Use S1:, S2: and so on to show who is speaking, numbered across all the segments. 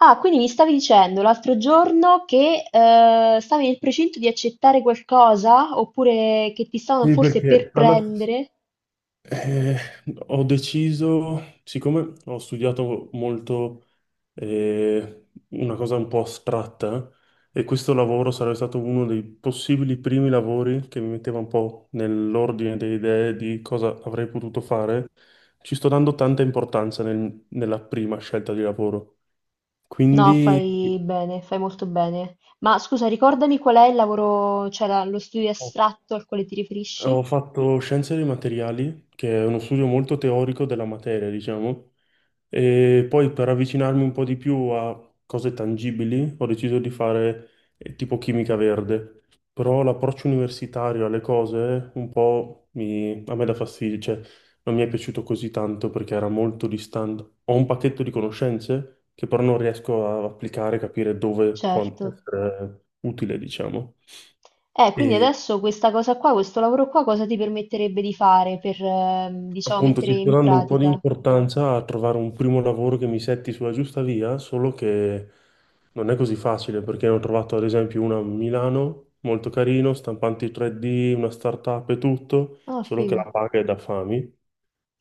S1: Ah, quindi mi stavi dicendo l'altro giorno che stavi nel precinto di accettare qualcosa oppure che ti stavano
S2: Sì,
S1: forse
S2: perché
S1: per
S2: alla
S1: prendere?
S2: eh, ho deciso, siccome ho studiato molto una cosa un po' astratta, e questo lavoro sarebbe stato uno dei possibili primi lavori che mi metteva un po' nell'ordine delle idee di cosa avrei potuto fare. Ci sto dando tanta importanza nella prima scelta di lavoro.
S1: No,
S2: Quindi.
S1: fai bene, fai molto bene. Ma scusa, ricordami qual è il lavoro, cioè lo studio astratto al quale ti riferisci?
S2: Ho fatto Scienze dei Materiali, che è uno studio molto teorico della materia, diciamo, e poi per avvicinarmi un po' di più a cose tangibili ho deciso di fare tipo chimica verde. Però l'approccio universitario alle cose un po' a me dà fastidio, cioè non mi è piaciuto così tanto perché era molto distante. Ho un pacchetto di conoscenze che però non riesco a applicare, capire dove può
S1: Certo.
S2: essere utile, diciamo.
S1: Quindi
S2: E
S1: adesso questa cosa qua, questo lavoro qua, cosa ti permetterebbe di fare per, diciamo,
S2: appunto,
S1: mettere
S2: ci sto
S1: in
S2: dando un po' di
S1: pratica?
S2: importanza a trovare un primo lavoro che mi setti sulla giusta via, solo che non è così facile perché ne ho trovato ad esempio una a Milano, molto carino, stampanti 3D, una startup e tutto,
S1: Ah,
S2: solo che
S1: figo.
S2: la paga è da fami,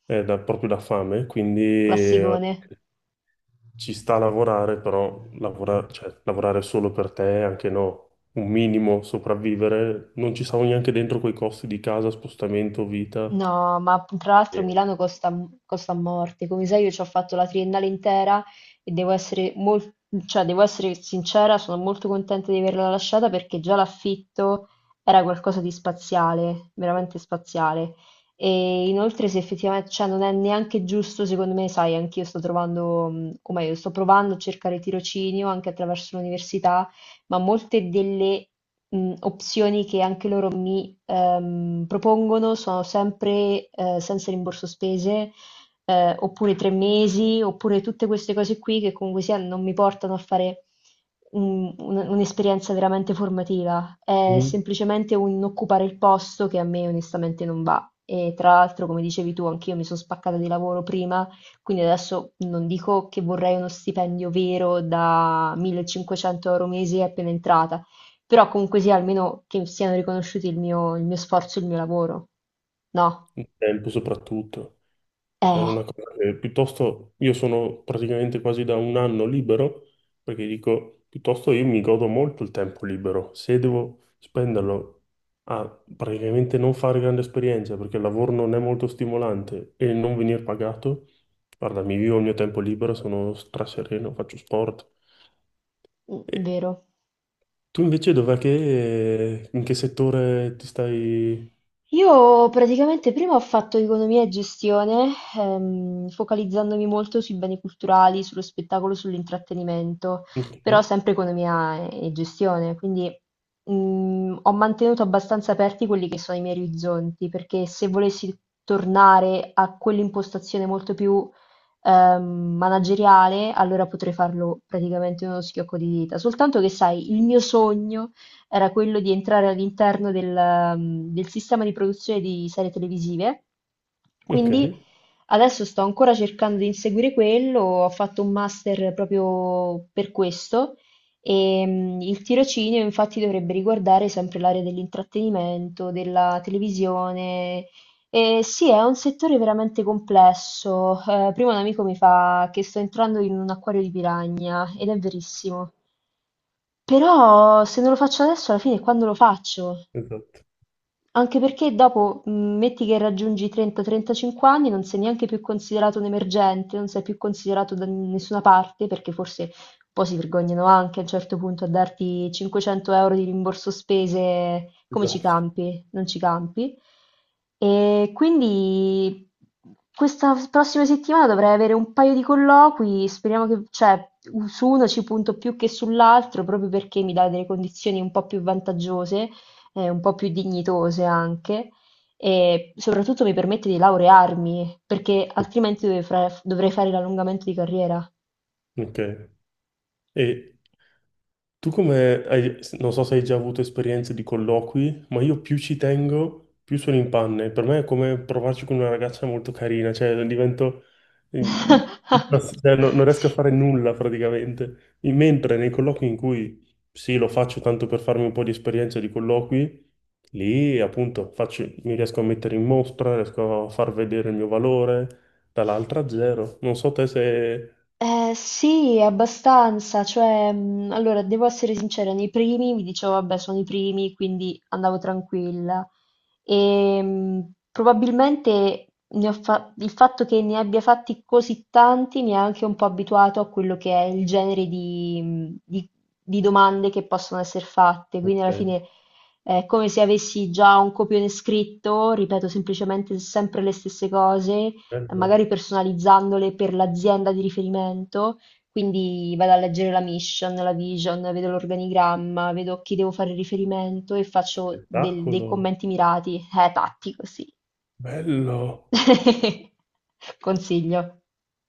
S2: proprio da fame, quindi
S1: Classicone.
S2: ci sta a lavorare, però cioè, lavorare solo per te, anche no, un minimo sopravvivere, non ci stavo neanche dentro quei costi di casa, spostamento, vita.
S1: No, ma tra l'altro Milano costa a morte. Come sai, io ci ho fatto la triennale intera e devo essere, cioè, devo essere sincera, sono molto contenta di averla lasciata perché già l'affitto era qualcosa di spaziale, veramente spaziale. E inoltre, se effettivamente, cioè, non è neanche giusto, secondo me, sai, anch'io sto trovando, o meglio, sto provando a cercare tirocinio anche attraverso l'università, ma molte delle, opzioni che anche loro mi, propongono sono sempre, senza rimborso spese, oppure tre mesi, oppure tutte queste cose qui che comunque sia non mi portano a fare un'esperienza veramente formativa, è
S2: Sì,
S1: semplicemente un occupare il posto che a me onestamente non va. E tra l'altro, come dicevi tu, anch'io mi sono spaccata di lavoro prima, quindi adesso non dico che vorrei uno stipendio vero da 1.500 euro mese appena entrata, però comunque sia almeno che siano riconosciuti il mio sforzo e il mio lavoro. No?
S2: il tempo soprattutto. È
S1: Eh,
S2: una cosa che piuttosto io sono praticamente quasi da un anno libero, perché dico, piuttosto io mi godo molto il tempo libero. Se devo spenderlo a praticamente non fare grande esperienza, perché il lavoro non è molto stimolante e non venir pagato, guarda, mi vivo il mio tempo libero, sono strasereno, faccio sport.
S1: mm,
S2: E
S1: vero.
S2: tu invece dov'è che, in che settore ti stai?
S1: Io praticamente prima ho fatto economia e gestione, focalizzandomi molto sui beni culturali, sullo spettacolo, sull'intrattenimento, però
S2: Ok,
S1: sempre economia e gestione, quindi, ho mantenuto abbastanza aperti quelli che sono i miei orizzonti, perché se volessi tornare a quell'impostazione molto più, ehm, manageriale, allora potrei farlo praticamente in uno schiocco di dita. Soltanto che, sai, il mio sogno era quello di entrare all'interno del sistema di produzione di serie televisive.
S2: ok,
S1: Quindi adesso sto ancora cercando di inseguire quello, ho fatto un master proprio per questo e, il tirocinio infatti dovrebbe riguardare sempre l'area dell'intrattenimento, della televisione. Sì, è un settore veramente complesso. Prima un amico mi fa che sto entrando in un acquario di piragna ed è verissimo. Però se non lo faccio adesso, alla fine quando lo faccio?
S2: esatto.
S1: Anche perché dopo, metti che raggiungi i 30-35 anni, non sei neanche più considerato un emergente, non sei più considerato da nessuna parte, perché forse un po' si vergognano anche a un certo punto a darti 500 euro di rimborso spese. Come ci
S2: Esatto.
S1: campi? Non ci campi. E quindi questa prossima settimana dovrei avere un paio di colloqui, speriamo che, cioè, su uno ci punto più che sull'altro, proprio perché mi dà delle condizioni un po' più vantaggiose, un po' più dignitose anche, e soprattutto mi permette di laurearmi perché altrimenti dovrei dovrei fare l'allungamento di carriera.
S2: Ok. E tu come hai, non so se hai già avuto esperienze di colloqui, ma io più ci tengo, più sono in panne. Per me è come provarci con una ragazza molto carina, cioè divento, cioè, non riesco a
S1: Sì.
S2: fare nulla praticamente. Mentre nei colloqui in cui sì, lo faccio tanto per farmi un po' di esperienza di colloqui, lì appunto mi riesco a mettere in mostra, riesco a far vedere il mio valore, dall'altra zero. Non so te se...
S1: Sì, abbastanza, cioè, allora, devo essere sincera, nei primi mi dicevo, vabbè, sono i primi, quindi andavo tranquilla. E, probabilmente il fatto che ne abbia fatti così tanti mi ha anche un po' abituato a quello che è il genere di, di domande che possono essere fatte, quindi alla
S2: Ok,
S1: fine è come se avessi già un copione scritto, ripeto semplicemente sempre le stesse cose,
S2: bello,
S1: magari personalizzandole per l'azienda di riferimento. Quindi vado a leggere la mission, la vision, vedo l'organigramma, vedo a chi devo fare riferimento e faccio dei
S2: spettacolo,
S1: commenti mirati. Tattico, sì.
S2: bello,
S1: Consiglio.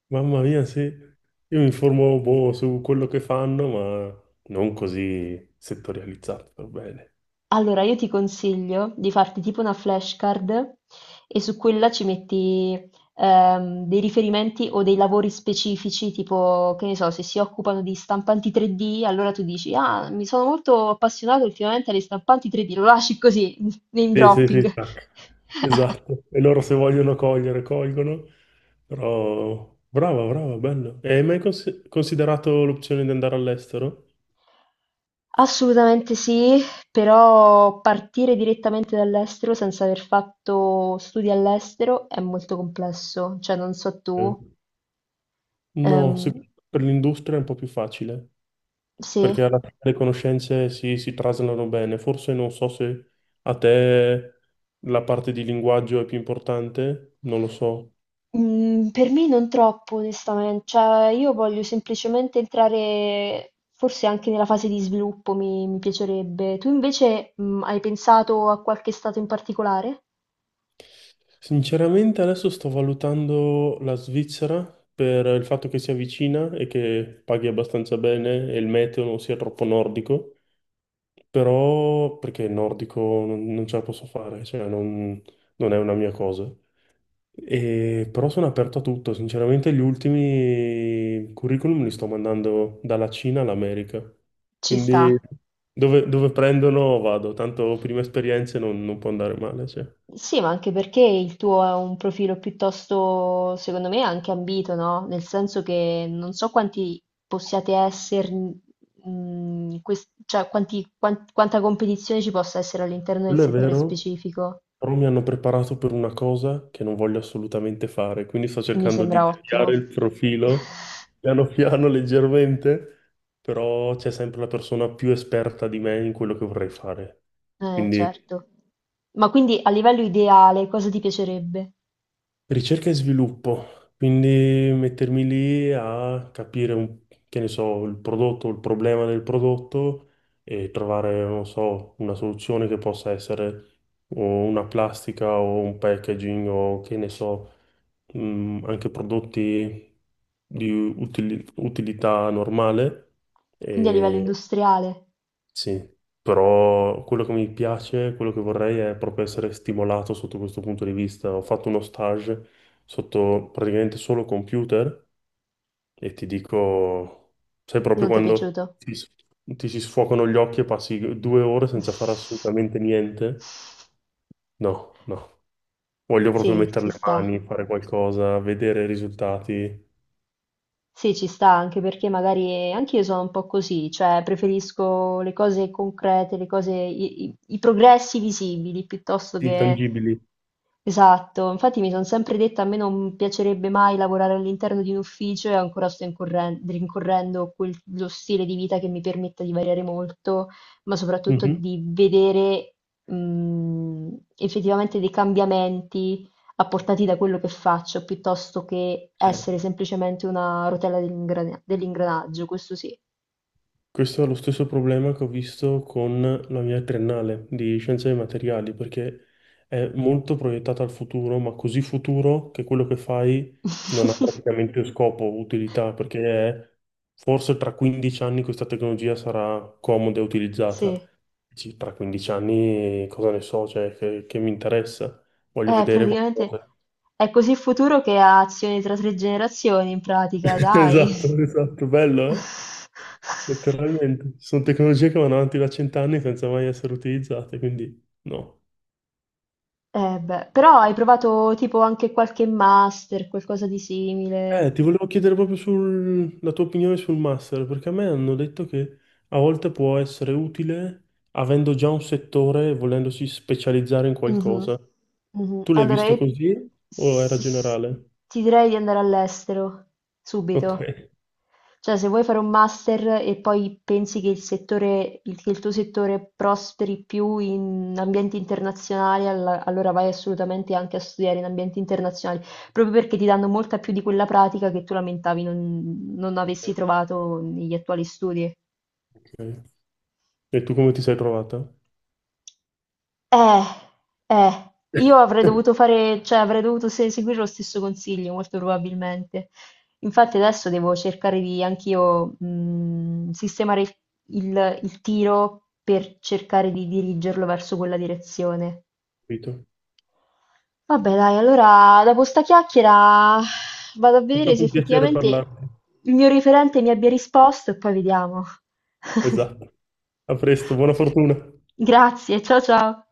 S2: mamma mia. Sì, io mi informo boh, su quello che fanno, ma non così settorializzato, per bene.
S1: Allora, io ti consiglio di farti tipo una flashcard e su quella ci metti, dei riferimenti o dei lavori specifici, tipo, che ne so, se si occupano di stampanti 3D, allora tu dici, ah, mi sono molto appassionato ultimamente alle stampanti 3D, lo lasci così. Name
S2: Sì, sì, sì,
S1: dropping.
S2: tac. Esatto, e loro se vogliono cogliere, colgono, però brava, brava, bello. E hai mai considerato l'opzione di andare all'estero?
S1: Assolutamente sì, però partire direttamente dall'estero senza aver fatto studi all'estero è molto complesso, cioè non so tu,
S2: Ok. No,
S1: ehm,
S2: per l'industria è un po' più facile.
S1: sì.
S2: Perché alla fine le conoscenze si traslano bene. Forse non so se a te la parte di linguaggio è più importante, non lo so.
S1: Mhmm, per me non troppo onestamen cioè io voglio semplicemente entrare, forse anche nella fase di sviluppo mi piacerebbe. Tu invece, hai pensato a qualche stato in particolare?
S2: Sinceramente adesso sto valutando la Svizzera per il fatto che sia vicina e che paghi abbastanza bene e il meteo non sia troppo nordico, però perché il nordico non ce la posso fare, cioè non è una mia cosa. Però sono aperto a tutto, sinceramente gli ultimi curriculum li sto mandando dalla Cina all'America,
S1: Ci sta.
S2: quindi dove, dove prendono vado, tanto prime esperienze non può andare male, cioè.
S1: Sì, ma anche perché il tuo è un profilo piuttosto, secondo me, anche ambito, no, nel senso che non so quanti possiate esser mhmm, in ques cioè quanti quanta competizione ci possa essere all'interno del
S2: Quello è
S1: settore
S2: vero,
S1: specifico.
S2: però mi hanno preparato per una cosa che non voglio assolutamente fare, quindi sto
S1: Mi
S2: cercando di
S1: sembra ottimo.
S2: deviare il profilo piano piano, leggermente, però c'è sempre la persona più esperta di me in quello che vorrei fare. Quindi
S1: Certo. Ma quindi a livello ideale cosa ti piacerebbe?
S2: ricerca e sviluppo, quindi mettermi lì a capire, che ne so, il prodotto, il problema del prodotto e trovare, non so, una soluzione che possa essere o una plastica o un packaging o che ne so, anche prodotti di utilità normale. Mhm.
S1: Quindi a livello
S2: E
S1: industriale
S2: sì, però quello che mi piace, quello che vorrei è proprio essere stimolato sotto questo punto di vista. Ho fatto uno stage sotto praticamente solo computer e ti dico, sai proprio
S1: non ti è piaciuto?
S2: ti si sfocano gli occhi e passi 2 ore senza fare assolutamente niente? No, no. Voglio proprio
S1: Sì,
S2: mettere
S1: ci
S2: le
S1: sta.
S2: mani, fare qualcosa, vedere risultati.
S1: Sì, ci sta, anche perché magari anch'io sono un po' così, cioè preferisco le cose concrete, le cose, i progressi visibili piuttosto
S2: Sì,
S1: che...
S2: tangibili.
S1: Esatto, infatti mi sono sempre detta a me non piacerebbe mai lavorare all'interno di un ufficio, e ancora sto rincorrendo lo stile di vita che mi permetta di variare molto, ma soprattutto
S2: Mhm,
S1: di vedere, mh, effettivamente dei cambiamenti apportati da quello che faccio, piuttosto che
S2: sì.
S1: essere semplicemente una rotella dell'ingranaggio, questo sì.
S2: Questo è lo stesso problema che ho visto con la mia triennale di scienze dei materiali, perché è molto proiettata al futuro, ma così futuro che quello che fai non ha praticamente scopo, utilità, perché è- forse tra 15 anni questa tecnologia sarà comoda e
S1: Sì,
S2: utilizzata. Dici, tra 15 anni cosa ne so, cioè, che mi interessa? Voglio vedere
S1: praticamente
S2: qualcosa.
S1: è così futuro che ha azioni tra tre generazioni, in pratica, dai.
S2: Esatto, esatto, bello, eh? Letteralmente. Ci sono tecnologie che vanno avanti da 100 anni senza mai essere utilizzate, quindi no.
S1: Eh beh, però hai provato tipo anche qualche master, qualcosa di simile.
S2: Ti volevo chiedere proprio la tua opinione sul master, perché a me hanno detto che a volte può essere utile avendo già un settore e volendosi specializzare in
S1: Mh-mh.
S2: qualcosa.
S1: Mh-mh.
S2: Tu l'hai
S1: Allora
S2: visto
S1: io
S2: così o era
S1: s s
S2: generale?
S1: ti direi di andare all'estero,
S2: Ok.
S1: subito. Cioè se vuoi fare un master e poi pensi che il tuo settore prosperi più in ambienti internazionali, allora vai assolutamente anche a studiare in ambienti internazionali, proprio perché ti danno molta più di quella pratica che tu lamentavi non
S2: Ok,
S1: avessi trovato negli attuali studi.
S2: ok. E tu come ti sei trovata?
S1: Eh, io avrei dovuto fare, cioè avrei dovuto seguire lo stesso consiglio, molto probabilmente. Infatti adesso devo cercare di anch'io, sistemare il tiro per cercare di dirigerlo verso quella direzione.
S2: Capito.
S1: Vabbè, dai, allora dopo sta chiacchiera vado a
S2: È
S1: vedere
S2: stato
S1: se
S2: un piacere
S1: effettivamente
S2: parlarti.
S1: il mio referente mi abbia risposto e poi vediamo.
S2: Esatto. A presto, buona fortuna.
S1: Grazie, ciao ciao.